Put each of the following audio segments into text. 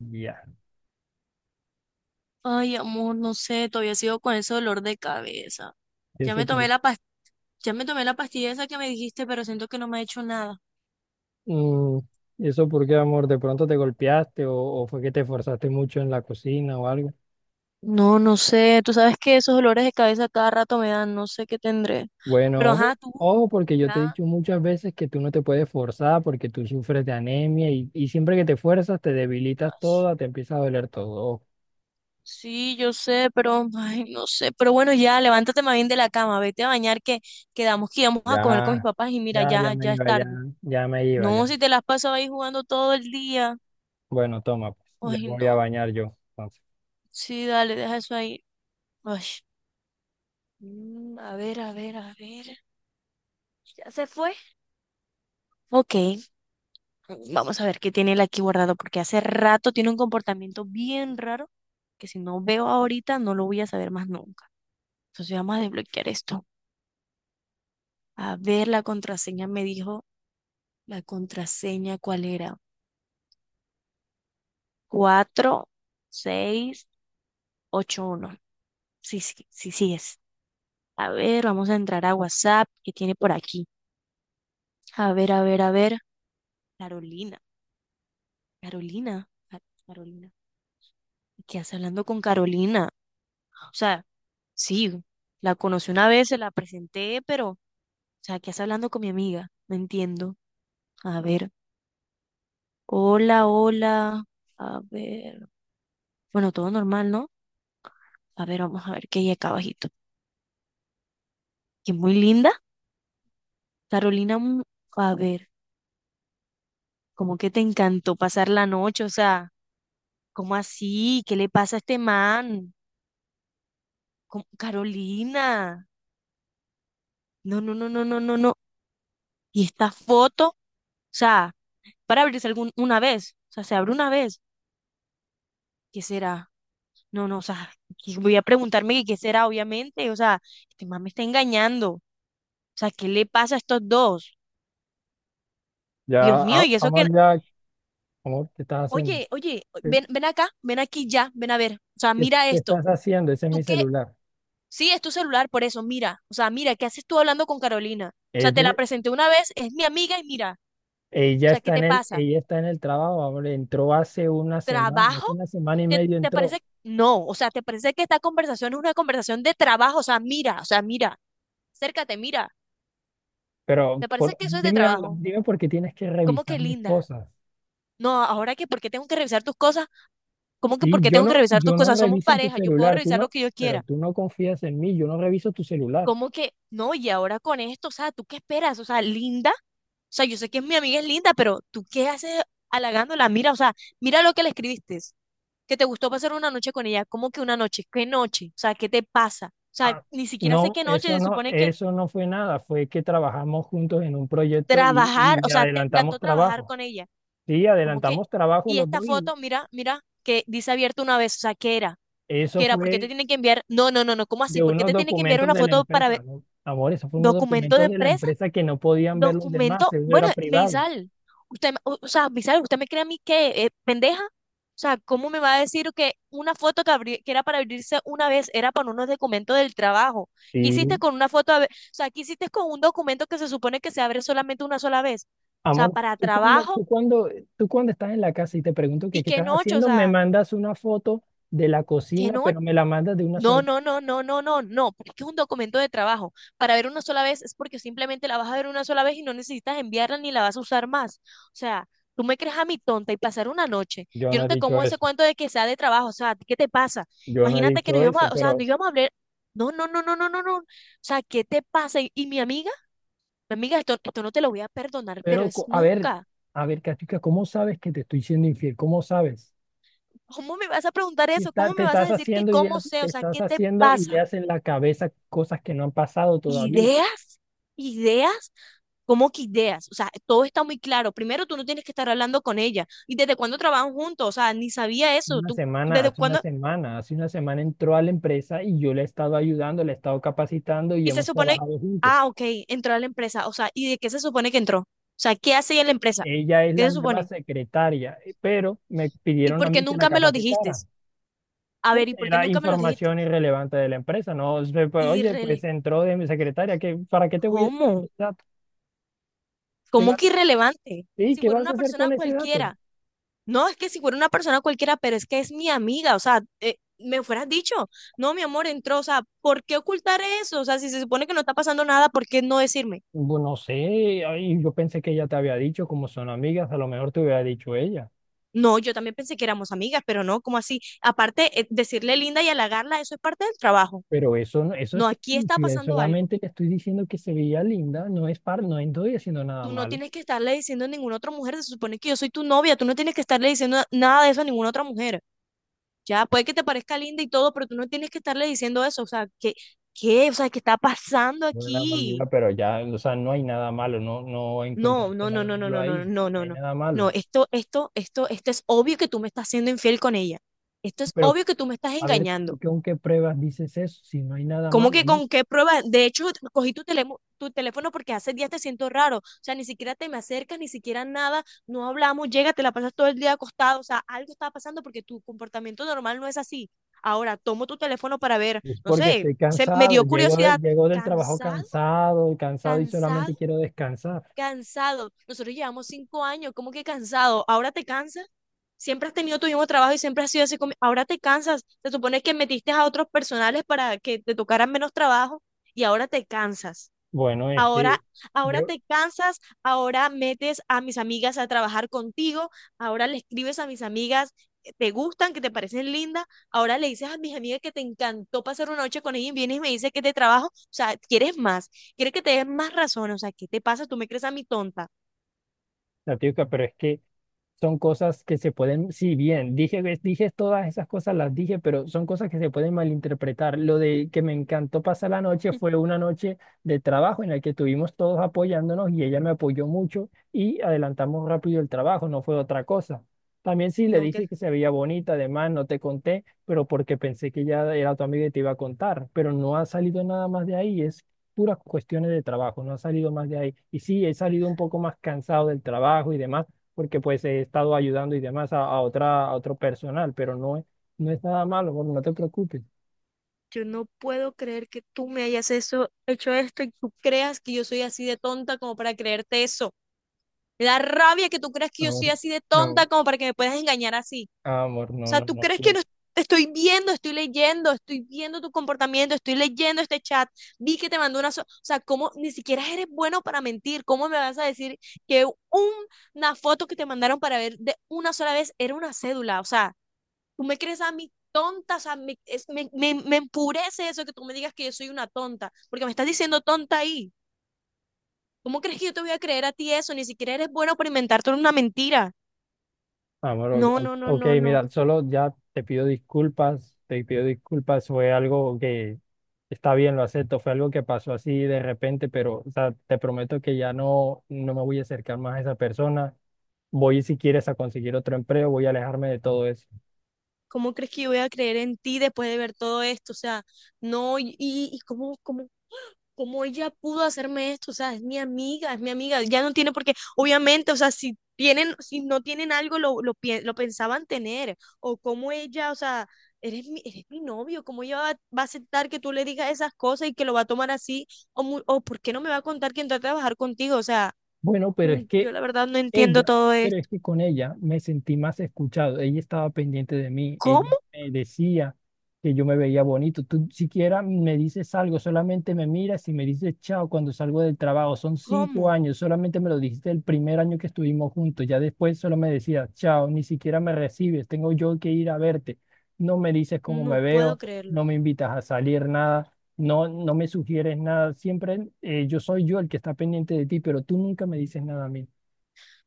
Ya. Ay, amor, no sé, todavía sigo con ese dolor de cabeza. ¿Y Ya eso me por, tomé la ya me tomé la pastilla esa que me dijiste, pero siento que no me ha hecho nada. mm, ¿Y eso por qué, amor? ¿De pronto te golpeaste o fue que te esforzaste mucho en la cocina o algo? No, no sé, tú sabes que esos dolores de cabeza cada rato me dan, no sé qué tendré. Bueno, Pero ojo, ajá, tú, ojo, porque yo te he ya. dicho muchas veces que tú no te puedes forzar porque tú sufres de anemia y siempre que te fuerzas te debilitas Ay, toda, te empieza a doler todo. Ojo. sí, yo sé, pero ay, no sé. Pero bueno, ya, levántate más bien de la cama, vete a bañar que quedamos que íbamos a comer con mis Ya, papás y mira, ya, ya ya, me ya es iba, ya, tarde. ya me iba, ya. No, si te las pasas ahí jugando todo el día. Bueno, toma, pues, ya Ay, voy a no. bañar yo. Sí, dale, deja eso ahí. Ay. A ver, a ver, a ver. ¿Ya se fue? Ok, vamos a ver qué tiene él aquí guardado, porque hace rato tiene un comportamiento bien raro que si no veo ahorita no lo voy a saber más nunca. Entonces vamos a desbloquear esto. A ver, la contraseña me dijo, la contraseña, ¿cuál era? 4681. Sí, sí, sí, sí es. A ver, vamos a entrar a WhatsApp, ¿qué tiene por aquí? A ver, a ver, a ver. Carolina, Carolina, Carolina. ¿Qué hace hablando con Carolina? O sea, sí, la conocí una vez, se la presenté, pero, o sea, ¿qué hace hablando con mi amiga? No entiendo. A ver, hola, hola. A ver, bueno, todo normal, ¿no? A ver, vamos a ver qué hay acá abajito. Que muy linda. Carolina, a ver, ¿cómo que te encantó pasar la noche? O sea, ¿cómo así? ¿Qué le pasa a este man? Carolina. No, no, no, no, no, no, no. ¿Y esta foto? O sea, para abrirse una vez. O sea, se abre una vez. ¿Qué será? No, no, o sea, y voy a preguntarme que qué será, obviamente. O sea, este man me está engañando. O sea, ¿qué le pasa a estos dos? Dios ya, mío, a- y eso que... amor, ya, Amor, ¿qué estás haciendo? Oye, oye, ¿Qué, ven, ven acá, ven aquí ya, ven a ver. O sea, qué- mira qué estás esto. haciendo? Ese es mi ¿Tú qué? celular. Sí, es tu celular, por eso, mira. O sea, mira, ¿qué haces tú hablando con Carolina? O sea, te la presenté una vez, es mi amiga y mira. O Ella sea, ¿qué está en te el, pasa? ella está en el trabajo, ahora entró ¿Trabajo? hace una semana y ¿Te, media te entró. parece? No, o sea, ¿te parece que esta conversación es una conversación de trabajo? O sea, mira, acércate, mira. ¿Te parece que eso es de Dime algo, trabajo? dime por qué tienes que ¿Cómo que revisar mis linda? cosas. No, ahora que, ¿por qué tengo que revisar tus cosas? ¿Cómo que, por Sí, qué yo tengo que no, revisar tus yo no cosas? Somos reviso en tu pareja, yo puedo celular, tú revisar lo no, que yo pero quiera. tú no confías en mí, yo no reviso tu celular. ¿Cómo que, no, y ahora con esto, o sea, ¿tú qué esperas? O sea, linda, o sea, yo sé que mi amiga es linda, pero ¿tú qué haces halagándola? Mira, o sea, mira lo que le escribiste, que te gustó pasar una noche con ella. ¿Cómo que una noche? ¿Qué noche? O sea, ¿qué te pasa? O sea, Ah, ni siquiera sé no, qué noche, eso se no, supone que eso no fue nada, fue que trabajamos juntos en un proyecto y, trabajar, o y sea, te adelantamos encantó trabajar trabajo. con ella. Sí, Como que, adelantamos trabajo y los esta dos y foto, mira, mira, que dice abierto una vez, o sea, ¿qué era? eso ¿Qué era? ¿Por qué te fue tiene que enviar? No, no, no, no, ¿cómo así? de ¿Por qué unos te tiene que enviar documentos una de la foto para ver empresa, ¿no? Amor, esos fueron unos documento de documentos de la empresa? empresa que no podían ver los demás, Documento, eso bueno, era privado. Meisal, usted, o sea, Meisal, ¿usted me cree a mí que pendeja? O sea, ¿cómo me va a decir que una foto que, que era para abrirse una vez era para unos documentos del trabajo? ¿Qué hiciste Sí. con una foto? O sea, ¿qué hiciste con un documento que se supone que se abre solamente una sola vez? O sea, Amor, para tú cuando, trabajo. tú cuando, tú cuando estás en la casa y te pregunto que Y qué qué estás noche, o haciendo, me sea, mandas una foto de la qué cocina, noche. pero me la mandas de una No, sola. no, no, no, no, no, no, porque es un documento de trabajo. Para ver una sola vez es porque simplemente la vas a ver una sola vez y no necesitas enviarla ni la vas a usar más. O sea, tú me crees a mí tonta y pasar una noche. Yo Yo no no he te dicho como ese eso, cuento de que sea de trabajo, o sea, ¿qué te pasa? yo no he Imagínate que dicho nos íbamos a, eso, o sea, nos pero, íbamos a hablar. No, no, no, no, no, no, no. O sea, ¿qué te pasa? ¿Y mi amiga? Mi amiga, esto no te lo voy a perdonar, pero pero, es co- a ver, nunca. a ver, Katica, ¿cómo sabes que te estoy siendo infiel? ¿Cómo sabes? ¿Cómo me vas a preguntar Y eso? Está- ¿Cómo me te vas a estás decir que haciendo cómo ideas, sé? te O sea, estás ¿qué te haciendo pasa? ideas en la cabeza, cosas que no han pasado todavía. Ideas, ideas, ¿cómo que ideas? O sea, todo está muy claro. Primero, tú no tienes que estar hablando con ella. ¿Y desde cuándo trabajan juntos? O sea, ni sabía eso. Una ¿Tú semana, desde hace una cuándo? semana, hace una semana entró a la empresa y yo le he estado ayudando, le he estado capacitando y Y se hemos supone, trabajado juntos. ah, ok, entró a la empresa. O sea, ¿y de qué se supone que entró? O sea, ¿qué hace ella en la empresa? Ella es ¿Qué la se nueva supone? secretaria, pero me ¿Y pidieron a por qué mí que la nunca me lo dijiste? capacitara, A ver, porque ¿y por qué era nunca me lo dijiste? información irrelevante de la empresa, ¿no? Se- pues, oye, Irrele, pues entró de mi secretaria, ¿qué, para qué te voy a decir ese ¿Cómo? dato? ¿Qué ¿Cómo vas, que irrelevante? sí, Si ¿qué fuera vas a una hacer persona con ese dato? cualquiera. No, es que si fuera una persona cualquiera, pero es que es mi amiga, o sea, me hubieras dicho, no, mi amor, entró, o sea, ¿por qué ocultar eso? O sea, si se supone que no está pasando nada, ¿por qué no decirme? Bueno, no sé, ay, yo pensé que ella te había dicho, como son amigas, a lo mejor te hubiera dicho ella. No, yo también pensé que éramos amigas, pero no, ¿cómo así? Aparte, decirle linda y halagarla, eso es parte del trabajo. Pero eso, no- eso es No, ser aquí está infiel, pasando algo. solamente le estoy diciendo que se veía linda, no estoy haciendo nada Tú no malo. tienes que estarle diciendo a ninguna otra mujer, se supone que yo soy tu novia, tú no tienes que estarle diciendo nada de eso a ninguna otra mujer. Ya, puede que te parezca linda y todo, pero tú no tienes que estarle diciendo eso, o sea, ¿qué, qué? O sea, ¿qué está pasando No era nada malo, aquí? pero ya, o sea, no hay nada malo, no, no No, encontraste no, no, nada no, no, malo no, ahí, no, no, no no, hay no. nada malo. No, esto es obvio que tú me estás siendo infiel con ella. Esto es Pero obvio que tú me estás a ver, engañando. ¿tú con qué pruebas dices eso? Si no hay nada ¿Cómo malo, que ¿no? con qué prueba? De hecho, cogí tu teléfono porque hace días te siento raro. O sea, ni siquiera te me acercas, ni siquiera nada. No hablamos, llega, te la pasas todo el día acostado. O sea, algo está pasando porque tu comportamiento normal no es así. Ahora, tomo tu teléfono para ver, Es no porque sé, estoy se, me cansado, dio llego, de- curiosidad. llego del trabajo Cansado, cansado, cansado y cansado, solamente quiero descansar. cansado. Nosotros llevamos 5 años, ¿cómo que cansado? ¿Ahora te cansas? Siempre has tenido tu mismo trabajo y siempre has sido así. Ahora te cansas. Se supone que metiste a otros personales para que te tocaran menos trabajo y ahora te cansas. Bueno, Ahora, ahora yo, te cansas, ahora metes a mis amigas a trabajar contigo, ahora le escribes a mis amigas que te gustan, que te parecen lindas, ahora le dices a mis amigas que te encantó pasar una noche con ellas y vienes y me dices que te trabajo, o sea, quieres más. Quieres que te des más razón, o sea, ¿qué te pasa? Tú me crees a mi tonta. la típica, pero es que son cosas que se pueden, sí, bien, dije, ves, dije todas esas cosas, las dije, pero son cosas que se pueden malinterpretar. Lo de que me encantó pasar la noche fue una noche de trabajo en la que estuvimos todos apoyándonos y ella me apoyó mucho y adelantamos rápido el trabajo, no fue otra cosa. También sí le No, dije que que se veía bonita, además no te conté, pero porque pensé que ya era tu amiga y te iba a contar, pero no ha salido nada más de ahí, es puras cuestiones de trabajo, no ha salido más de ahí. Y sí, he salido un poco más cansado del trabajo y demás porque pues he estado ayudando y demás a otro personal, pero no es nada malo, amor, no te preocupes. yo no puedo creer que tú me hayas eso, hecho esto y tú creas que yo soy así de tonta como para creerte eso. Me da rabia que tú creas que yo soy Amor, así de no, tonta como para que me puedas engañar así. amor, O no, sea, no, tú no. crees que no. no estoy viendo, estoy leyendo, estoy viendo tu comportamiento, estoy leyendo este chat, vi que te mandó una... o sea, ¿cómo ni siquiera eres bueno para mentir? ¿Cómo me vas a decir que una foto que te mandaron para ver de una sola vez era una cédula? O sea, tú me crees a mí tonta, o sea, me empurece eso que tú me digas que yo soy una tonta, porque me estás diciendo tonta ahí. ¿Cómo crees que yo te voy a creer a ti eso? Ni siquiera eres bueno para inventarte una mentira. Amor, o- No, no, no, ok, no, no. mira, solo ya te pido disculpas, fue algo que está bien, lo acepto, fue algo que pasó así de repente, pero o sea, te prometo que ya no me voy a acercar más a esa persona. Voy, si quieres, a conseguir otro empleo, voy a alejarme de todo eso. ¿Cómo crees que yo voy a creer en ti después de ver todo esto? O sea, no, y cómo ¿cómo ella pudo hacerme esto? O sea, es mi amiga, ya no tiene por qué, obviamente, o sea, si tienen, si no tienen algo, lo pensaban tener, o cómo ella, o sea, eres mi novio, cómo ella va, va a aceptar que tú le digas esas cosas y que lo va a tomar así, o por qué no me va a contar que entró a trabajar contigo, o sea, Bueno, pero no, es que yo la verdad no entiendo Ella, todo pero es esto. que con ella me sentí más escuchado. Ella estaba pendiente de mí, ¿Cómo? ella me decía que yo me veía bonito. Tú siquiera me dices algo, solamente me miras y me dices chao cuando salgo del trabajo. Son cinco ¿Cómo? años, solamente me lo dijiste el primer año que estuvimos juntos. Ya después solo me decías chao, ni siquiera me recibes, tengo yo que ir a verte. No me dices cómo No me puedo veo, creerlo. no me invitas a salir, nada. No, no me sugieres nada. Siempre yo soy yo el que está pendiente de ti, pero tú nunca me dices nada a mí.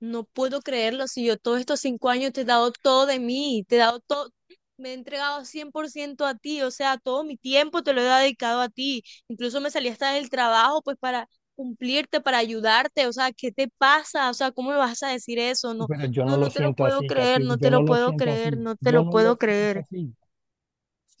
No puedo creerlo, si yo todos estos 5 años te he dado todo de mí, te he dado todo, me he entregado 100% a ti, o sea, todo mi tiempo te lo he dedicado a ti, incluso me salí hasta del trabajo pues para cumplirte, para ayudarte, o sea, ¿qué te pasa? O sea, ¿cómo me vas a decir eso? No, Pero yo no no, lo no te lo siento puedo así, creer, Katy, no yo te no lo lo puedo siento creer, así, no te yo lo no puedo lo siento creer, así.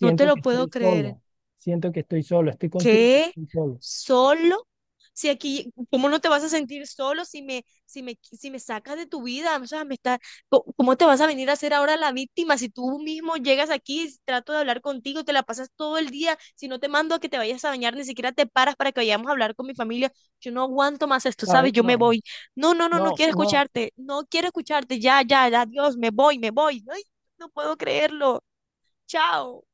no te que lo puedo estoy creer. solo, siento que estoy solo, estoy contigo, y ¿Qué? estoy solo. ¿Solo? Si aquí, ¿cómo no te vas a sentir solo si me, si me, si me sacas de tu vida? O sea, me está, ¿cómo te vas a venir a hacer ahora la víctima si tú mismo llegas aquí, trato de hablar contigo, te la pasas todo el día, si no te mando a que te vayas a bañar, ni siquiera te paras para que vayamos a hablar con mi familia, yo no aguanto más esto, ¿sabes? ¿Sabes? Yo me No, voy. No, no, no, no no, quiero no. escucharte, no quiero escucharte, ya, ya, ya, adiós, me voy, me voy. Ay, no puedo creerlo. Chao.